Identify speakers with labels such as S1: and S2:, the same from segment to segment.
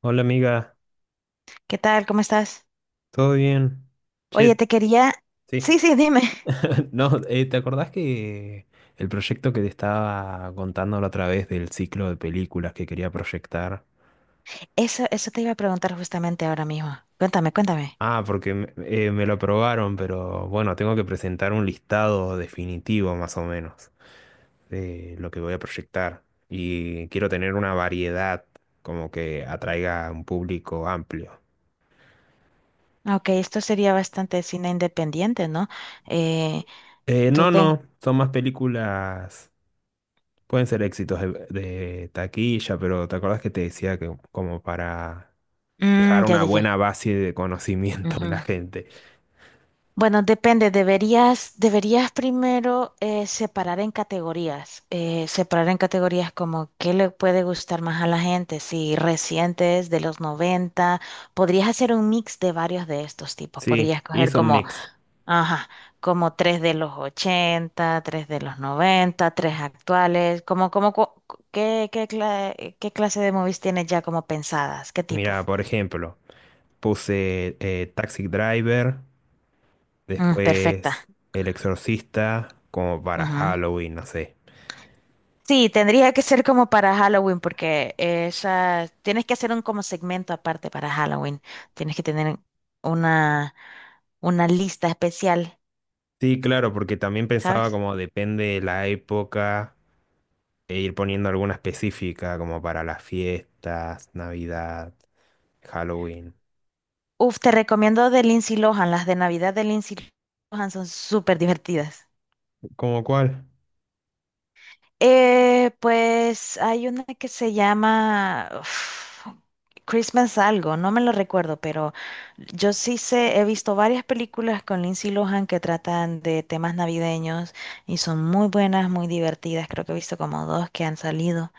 S1: Hola amiga,
S2: ¿Qué tal? ¿Cómo estás?
S1: ¿todo bien?
S2: Oye,
S1: Che,
S2: te quería...
S1: sí.
S2: Sí, sí, dime.
S1: No, ¿te acordás que el proyecto que te estaba contando la otra vez del ciclo de películas que quería proyectar?
S2: Eso te iba a preguntar justamente ahora mismo. Cuéntame, cuéntame.
S1: Ah, porque me lo aprobaron, pero bueno, tengo que presentar un listado definitivo más o menos de lo que voy a proyectar. Y quiero tener una variedad como que atraiga a un público amplio.
S2: Ok, esto sería bastante cine independiente, ¿no? Eh, tú
S1: No,
S2: ten...
S1: no, son más películas. Pueden ser éxitos de taquilla, pero ¿te acuerdas que te decía que como para
S2: Mm,
S1: dejar
S2: ya,
S1: una
S2: ya, ya.
S1: buena base de conocimiento en la
S2: Ujú.
S1: gente?
S2: Bueno, depende. Deberías primero separar en categorías. Separar en categorías como qué le puede gustar más a la gente. Si recientes, de los 90. Podrías hacer un mix de varios de estos tipos.
S1: Sí,
S2: Podrías coger
S1: hice un
S2: como...
S1: mix.
S2: Ajá, como tres de los 80, tres de los 90, tres actuales, como, como, ¿qué clase de movies tienes ya como pensadas? ¿Qué tipo?
S1: Mira, por ejemplo, puse Taxi Driver,
S2: Mm, perfecta.
S1: después El Exorcista, como para
S2: Ujú.
S1: Halloween, no sé.
S2: Sí, tendría que ser como para Halloween, porque esa, tienes que hacer un como segmento aparte para Halloween. Tienes que tener una, una lista especial,
S1: Sí, claro, porque también pensaba
S2: ¿sabes?
S1: como depende de la época, e ir poniendo alguna específica, como para las fiestas, Navidad, Halloween.
S2: Uf, te recomiendo de Lindsay Lohan, las de Navidad de Lindsay Lohan son súper divertidas.
S1: ¿Como cuál?
S2: Pues hay una que se llama uf, Christmas algo, no me lo recuerdo, pero yo sí sé, he visto varias películas con Lindsay Lohan que tratan de temas navideños y son muy buenas, muy divertidas. Creo que he visto como dos que han salido.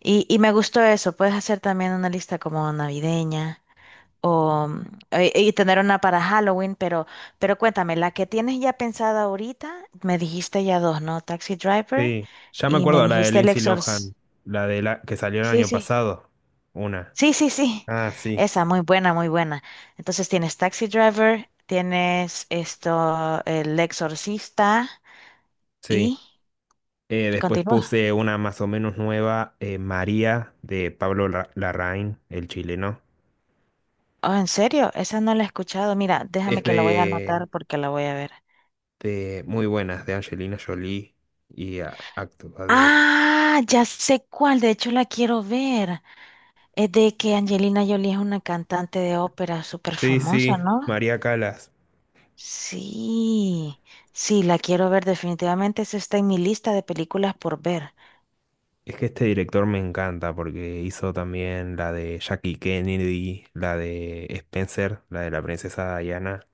S2: Y me gustó eso, puedes hacer también una lista como navideña. O, y tener una para Halloween, pero cuéntame, la que tienes ya pensada ahorita, me dijiste ya dos, ¿no? Taxi Driver
S1: Sí, ya me
S2: y me
S1: acuerdo la de
S2: dijiste El
S1: Lindsay
S2: Exorcista.
S1: Lohan, la de la que salió el
S2: Sí,
S1: año
S2: sí,
S1: pasado. Una.
S2: sí, sí, sí.
S1: Ah, sí.
S2: Esa, muy buena, muy buena. Entonces tienes Taxi Driver, tienes esto, El Exorcista
S1: Sí.
S2: y
S1: Después
S2: continúa.
S1: puse una más o menos nueva, María, de Larraín, el chileno.
S2: Oh, ¿en serio? Esa no la he escuchado. Mira,
S1: Es
S2: déjame que la voy a anotar porque la voy a ver.
S1: de muy buenas, de Angelina Jolie y actúa de.
S2: Ah, ya sé cuál, de hecho la quiero ver. Es de que Angelina Jolie es una cantante de ópera súper
S1: Sí,
S2: famosa,
S1: sí,
S2: ¿no?
S1: María Calas.
S2: Sí, sí, la quiero ver definitivamente. Esa está en mi lista de películas por ver.
S1: Es que este director me encanta porque hizo también la de Jackie Kennedy, la de Spencer, la de la princesa Diana.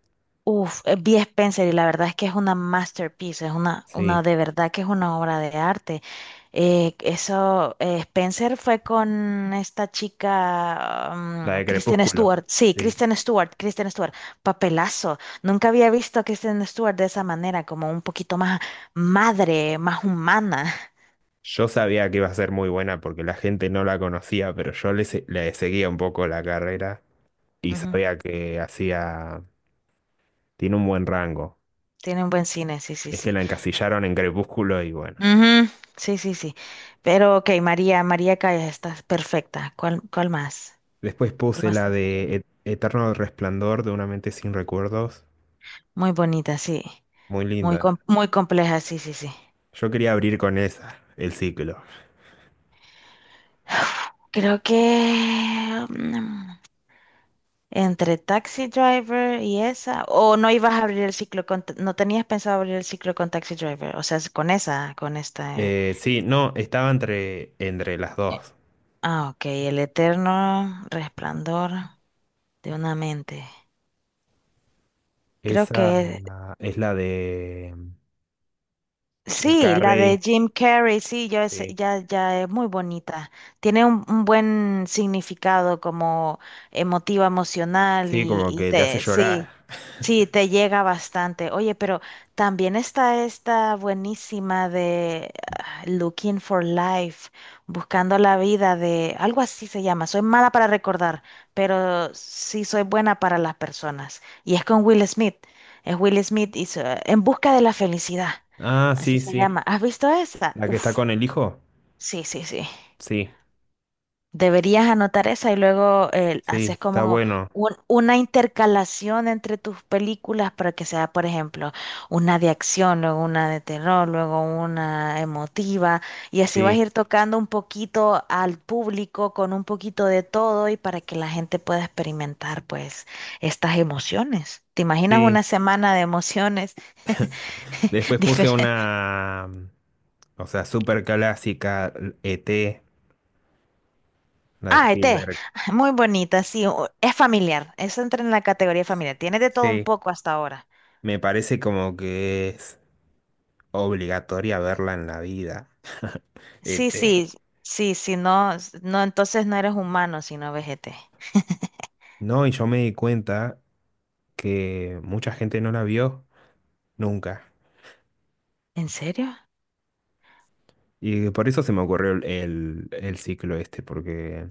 S2: Uf, vi Spencer y la verdad es que es una masterpiece, es una
S1: Sí.
S2: de verdad que es una obra de arte. Spencer fue con esta chica,
S1: La
S2: mm,
S1: de
S2: Kristen
S1: Crepúsculo,
S2: Stewart, sí,
S1: sí.
S2: Kristen Stewart, Kristen Stewart, papelazo. Nunca había visto a Kristen Stewart de esa manera, como un poquito más madre, más humana.
S1: Yo sabía que iba a ser muy buena porque la gente no la conocía, pero yo le seguía un poco la carrera y
S2: Ujú.
S1: sabía que hacía... Tiene un buen rango.
S2: Tiene un buen cine, sí, sí,
S1: Es que
S2: sí.
S1: la encasillaron en Crepúsculo y bueno.
S2: Ujú. Sí, sí, sí. Pero ok, María, María Callas, estás perfecta. ¿Cuál, cuál más?
S1: Después
S2: ¿Cuál
S1: puse
S2: más
S1: la
S2: te gustaría?
S1: de Eterno Resplandor de una mente sin recuerdos.
S2: Muy bonita, sí.
S1: Muy
S2: Muy,
S1: linda.
S2: muy compleja, sí, sí, sí.
S1: Yo quería abrir con esa, el ciclo.
S2: Creo que mm, entre Taxi Driver y esa, o no ibas a abrir el ciclo con, no tenías pensado abrir el ciclo con Taxi Driver, o sea, es con esa, con esta.
S1: Sí, no, estaba entre las
S2: Eh,
S1: dos.
S2: Ah, ok, el eterno resplandor de una mente. Creo que...
S1: Esa ah, es la de Jim
S2: Sí, la de
S1: Carrey.
S2: Jim Carrey, sí, ya es,
S1: Sí.
S2: ya, ya es muy bonita. Tiene un buen significado como emotivo, emocional
S1: Sí,
S2: y,
S1: como
S2: y
S1: que te hace
S2: te,
S1: llorar.
S2: sí, sí, te llega bastante. Oye, pero también está esta buenísima de Looking for Life, buscando la vida de, algo así se llama. Soy mala para recordar, pero sí soy buena para las personas. Y es con Will Smith. Es Will Smith y en busca de la felicidad.
S1: Ah,
S2: Así
S1: sí,
S2: se
S1: sí.
S2: llama. ¿Has visto esa?
S1: La que está
S2: Uf,
S1: con el hijo.
S2: sí, sí, sí.
S1: Sí,
S2: Deberías anotar esa y luego haces
S1: sí, está
S2: como
S1: bueno.
S2: una intercalación entre tus películas para que sea, por ejemplo, una de acción, luego una de terror, luego una emotiva, y así vas a
S1: Sí,
S2: ir tocando un poquito al público con un poquito de todo y para que la gente pueda experimentar pues estas emociones. ¿Te imaginas
S1: sí.
S2: una semana de emociones
S1: Después puse
S2: diferentes?
S1: una, mm, o sea, súper clásica, ET, la de
S2: Ah, ET,
S1: Spielberg.
S2: muy bonita, sí, es familiar, eso entra en la categoría familiar, tiene de todo un
S1: Sí,
S2: poco hasta ahora.
S1: me parece como que es obligatoria verla en la vida.
S2: Sí,
S1: ET.
S2: sí, sí, sí, no, no, entonces no eres humano sino no ves ET.
S1: No, y yo me di cuenta que mucha gente no la vio nunca.
S2: ¿En serio?
S1: Y por eso se me ocurrió el ciclo este, porque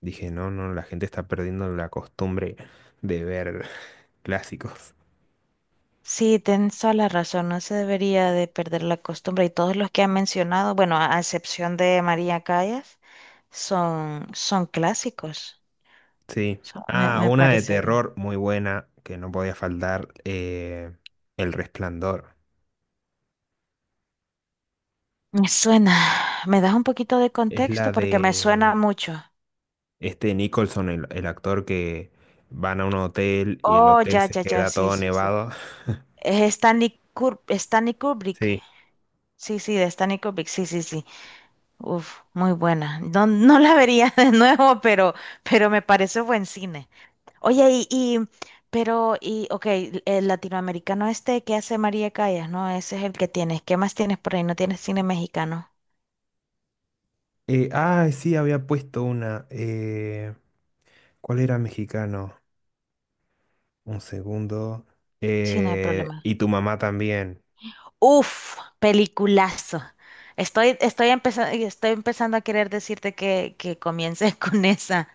S1: dije, no, no, la gente está perdiendo la costumbre de ver clásicos.
S2: Sí, tienes toda la razón, no se debería de perder la costumbre y todos los que han mencionado, bueno, a excepción de María Callas, son, son clásicos.
S1: Sí.
S2: Me,
S1: Ah, una de
S2: parece bien.
S1: terror muy buena que no podía faltar, El Resplandor.
S2: Me suena, ¿me das un poquito de
S1: Es
S2: contexto?
S1: la
S2: Porque me suena
S1: de
S2: mucho.
S1: este Nicholson, el actor que van a un hotel y el
S2: Oh,
S1: hotel
S2: ya,
S1: se
S2: ya, ya,
S1: queda
S2: sí,
S1: todo
S2: sí, sí.
S1: nevado.
S2: Es Stanley Kubrick.
S1: Sí.
S2: Sí, sí, de Stanley Kubrick. Sí, sí, sí. Uf, muy buena. No, no la vería de nuevo, pero me parece buen cine. Oye, ok, el latinoamericano este que hace María Callas, ¿no? Ese es el que tienes. ¿Qué más tienes por ahí? ¿No tienes cine mexicano?
S1: Sí, había puesto una. ¿Cuál era mexicano? Un segundo.
S2: Sí, no hay problema.
S1: Y tu mamá también.
S2: Uf, peliculazo. Estoy empezando a querer decirte que comiences con esa.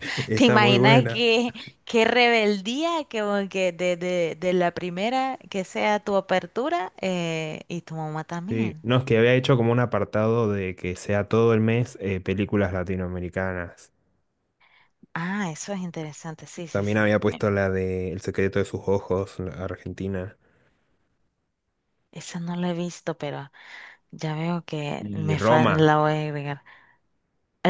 S2: ¿Te
S1: Está muy
S2: imaginas
S1: buena.
S2: que qué rebeldía que, de la primera que sea tu apertura y tu mamá
S1: Sí,
S2: también?
S1: no, es que había hecho como un apartado de que sea todo el mes películas latinoamericanas.
S2: Ah, eso es interesante, sí, sí,
S1: También
S2: sí.
S1: había puesto
S2: Bueno,
S1: la de El secreto de sus ojos, la argentina.
S2: esa no la he visto, pero ya veo que
S1: Y
S2: me
S1: Roma.
S2: la voy a agregar.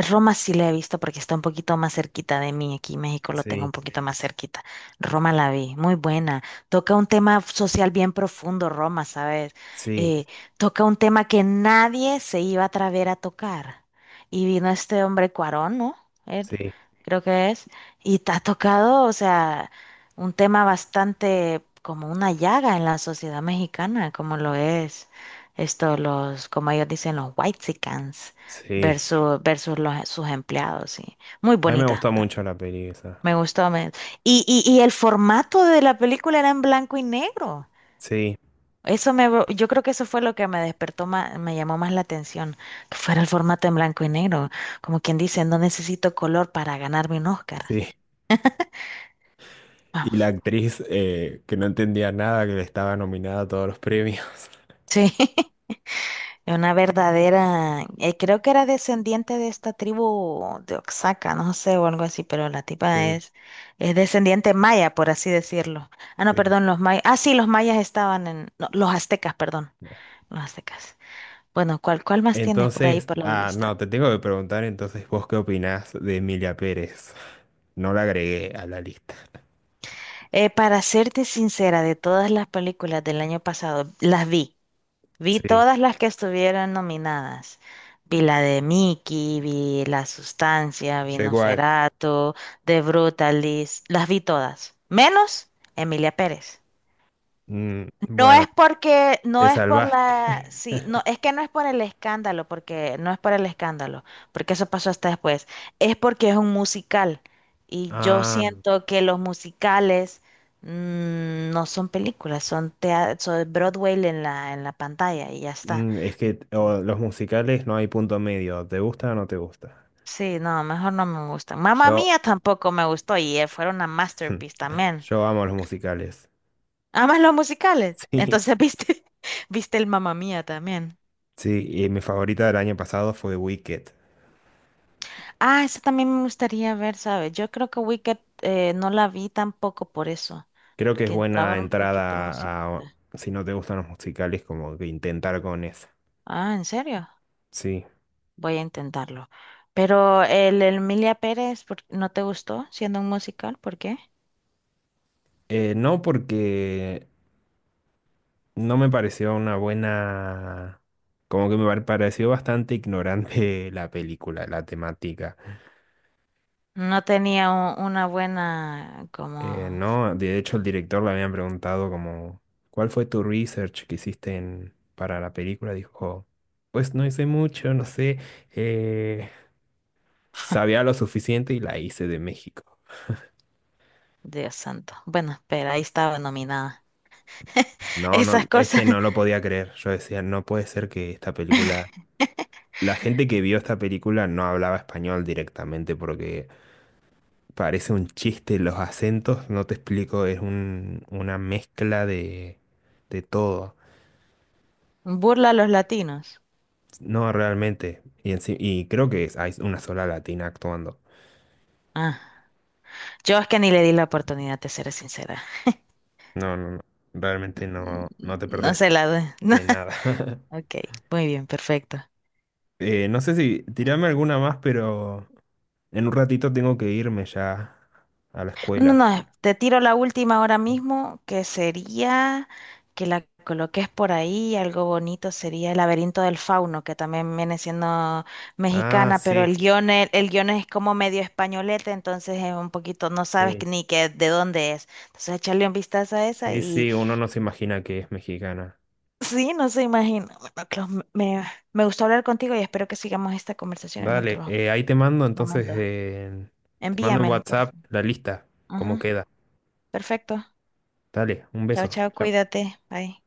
S2: Roma sí la he visto porque está un poquito más cerquita de mí. Aquí en México lo tengo
S1: Sí,
S2: un poquito más cerquita. Roma la vi, muy buena. Toca un tema social bien profundo, Roma, ¿sabes?
S1: sí,
S2: Eh, Toca un tema que nadie se iba a atrever a tocar. Y vino este hombre Cuarón, ¿no? Él,
S1: sí,
S2: creo que es. Y te ha tocado, o sea, un tema bastante como una llaga en la sociedad mexicana, como lo es esto, los, como ellos dicen, los white
S1: sí.
S2: versus sus empleados, sí. Muy
S1: A mí me
S2: bonita.
S1: gustó mucho la peli esa.
S2: Me gustó. Y el formato de la película era en blanco y negro.
S1: Sí,
S2: Eso me, yo creo que eso fue lo que me despertó más, me llamó más la atención, que fuera el formato en blanco y negro. Como quien dice, no necesito color para ganarme un Oscar.
S1: sí. Y la
S2: Vamos.
S1: actriz que no entendía nada, que le estaba nominada a todos los premios.
S2: Sí. Una verdadera, creo que era descendiente de esta tribu de Oaxaca, no sé, o algo así, pero
S1: Sí,
S2: es descendiente maya, por así decirlo. Ah, no,
S1: sí.
S2: perdón, los mayas. Ah, sí, los mayas estaban en, no, los aztecas, perdón, los aztecas. Bueno, ¿cuál, cuál más tienes por ahí
S1: Entonces,
S2: por la
S1: ah,
S2: lista?
S1: no, te tengo que preguntar entonces vos qué opinás de Emilia Pérez. No la agregué a la lista.
S2: Para serte sincera, de todas las películas del año pasado, las vi. Vi
S1: Sí,
S2: todas las que estuvieron nominadas. Vi la de Mickey, vi La Sustancia, vi
S1: yo igual.
S2: Nosferatu, The Brutalist, las vi todas, menos Emilia Pérez.
S1: Mm, bueno, te salvaste.
S2: No, es que no es por el escándalo, porque no es por el escándalo, porque eso pasó hasta después. Es porque es un musical y yo
S1: Ah,
S2: siento que los musicales mm, no son películas, son Broadway en en la pantalla y ya está.
S1: mm, es que o los musicales no hay punto medio. ¿Te gusta o no te gusta?
S2: Sí, no, mejor no me gustan. Mamma
S1: Yo,
S2: Mía tampoco me gustó y fueron una masterpiece también.
S1: yo amo los musicales.
S2: Amas los musicales.
S1: Sí,
S2: Entonces, ¿viste? ¿Viste el Mamma Mía también?
S1: sí, y mi favorita del año pasado fue Wicked.
S2: Ah, eso también me gustaría ver, ¿sabes? Yo creo que Wicked no la vi tampoco por eso,
S1: Creo que es
S2: porque entraba
S1: buena
S2: un poquito música.
S1: entrada a, si no te gustan los musicales, como que intentar con esa.
S2: Ah, ¿en serio?
S1: Sí.
S2: Voy a intentarlo. Pero el Emilia Pérez, ¿no te gustó siendo un musical? ¿Por qué?
S1: No porque no me pareció una buena... Como que pareció bastante ignorante la película, la temática.
S2: No tenía una buena como...
S1: No, de hecho el director le habían preguntado como, ¿cuál fue tu research que hiciste para la película? Dijo, pues no hice mucho, no sé, eh, sabía lo suficiente y la hice de México.
S2: Dios santo. Bueno, espera, ahí estaba nominada.
S1: No, no,
S2: Esas
S1: es
S2: cosas.
S1: que no lo podía creer. Yo decía, no puede ser que esta película... La gente que vio esta película no hablaba español directamente porque... Parece un chiste los acentos, no te explico, es una mezcla de todo.
S2: Burla a los latinos.
S1: No, realmente. Y, y creo que es, hay una sola latina actuando.
S2: Ah, yo es que ni le di la oportunidad, te seré sincera.
S1: No, no, no. Realmente no, no te
S2: No
S1: perdés
S2: se la doy.
S1: de nada.
S2: Ok, muy bien, perfecto.
S1: No sé si tirame alguna más, pero en un ratito tengo que irme ya a la
S2: No, no,
S1: escuela.
S2: no,
S1: Sí.
S2: te tiro la última ahora mismo, que sería que la coloques por ahí, algo bonito sería El laberinto del fauno, que también viene siendo
S1: Ah,
S2: mexicana, pero
S1: sí,
S2: el guión, guión es como medio españolete, entonces es un poquito, no sabes
S1: sí.
S2: que- ni que de dónde es. Entonces echarle un vistazo a esa
S1: Sí,
S2: y
S1: sí, uno no se imagina que es mexicana.
S2: sí, no se imagina. Bueno, Clau, me, me me gustó hablar contigo y espero que sigamos esta conversación en
S1: Dale,
S2: otro,
S1: ahí te mando
S2: otro
S1: entonces,
S2: momento.
S1: te mando en
S2: Envíamelo, por
S1: WhatsApp
S2: favor.
S1: la lista, cómo
S2: Ujú,
S1: queda.
S2: perfecto.
S1: Dale, un
S2: Chao,
S1: beso.
S2: chao,
S1: Chao.
S2: cuídate. Bye.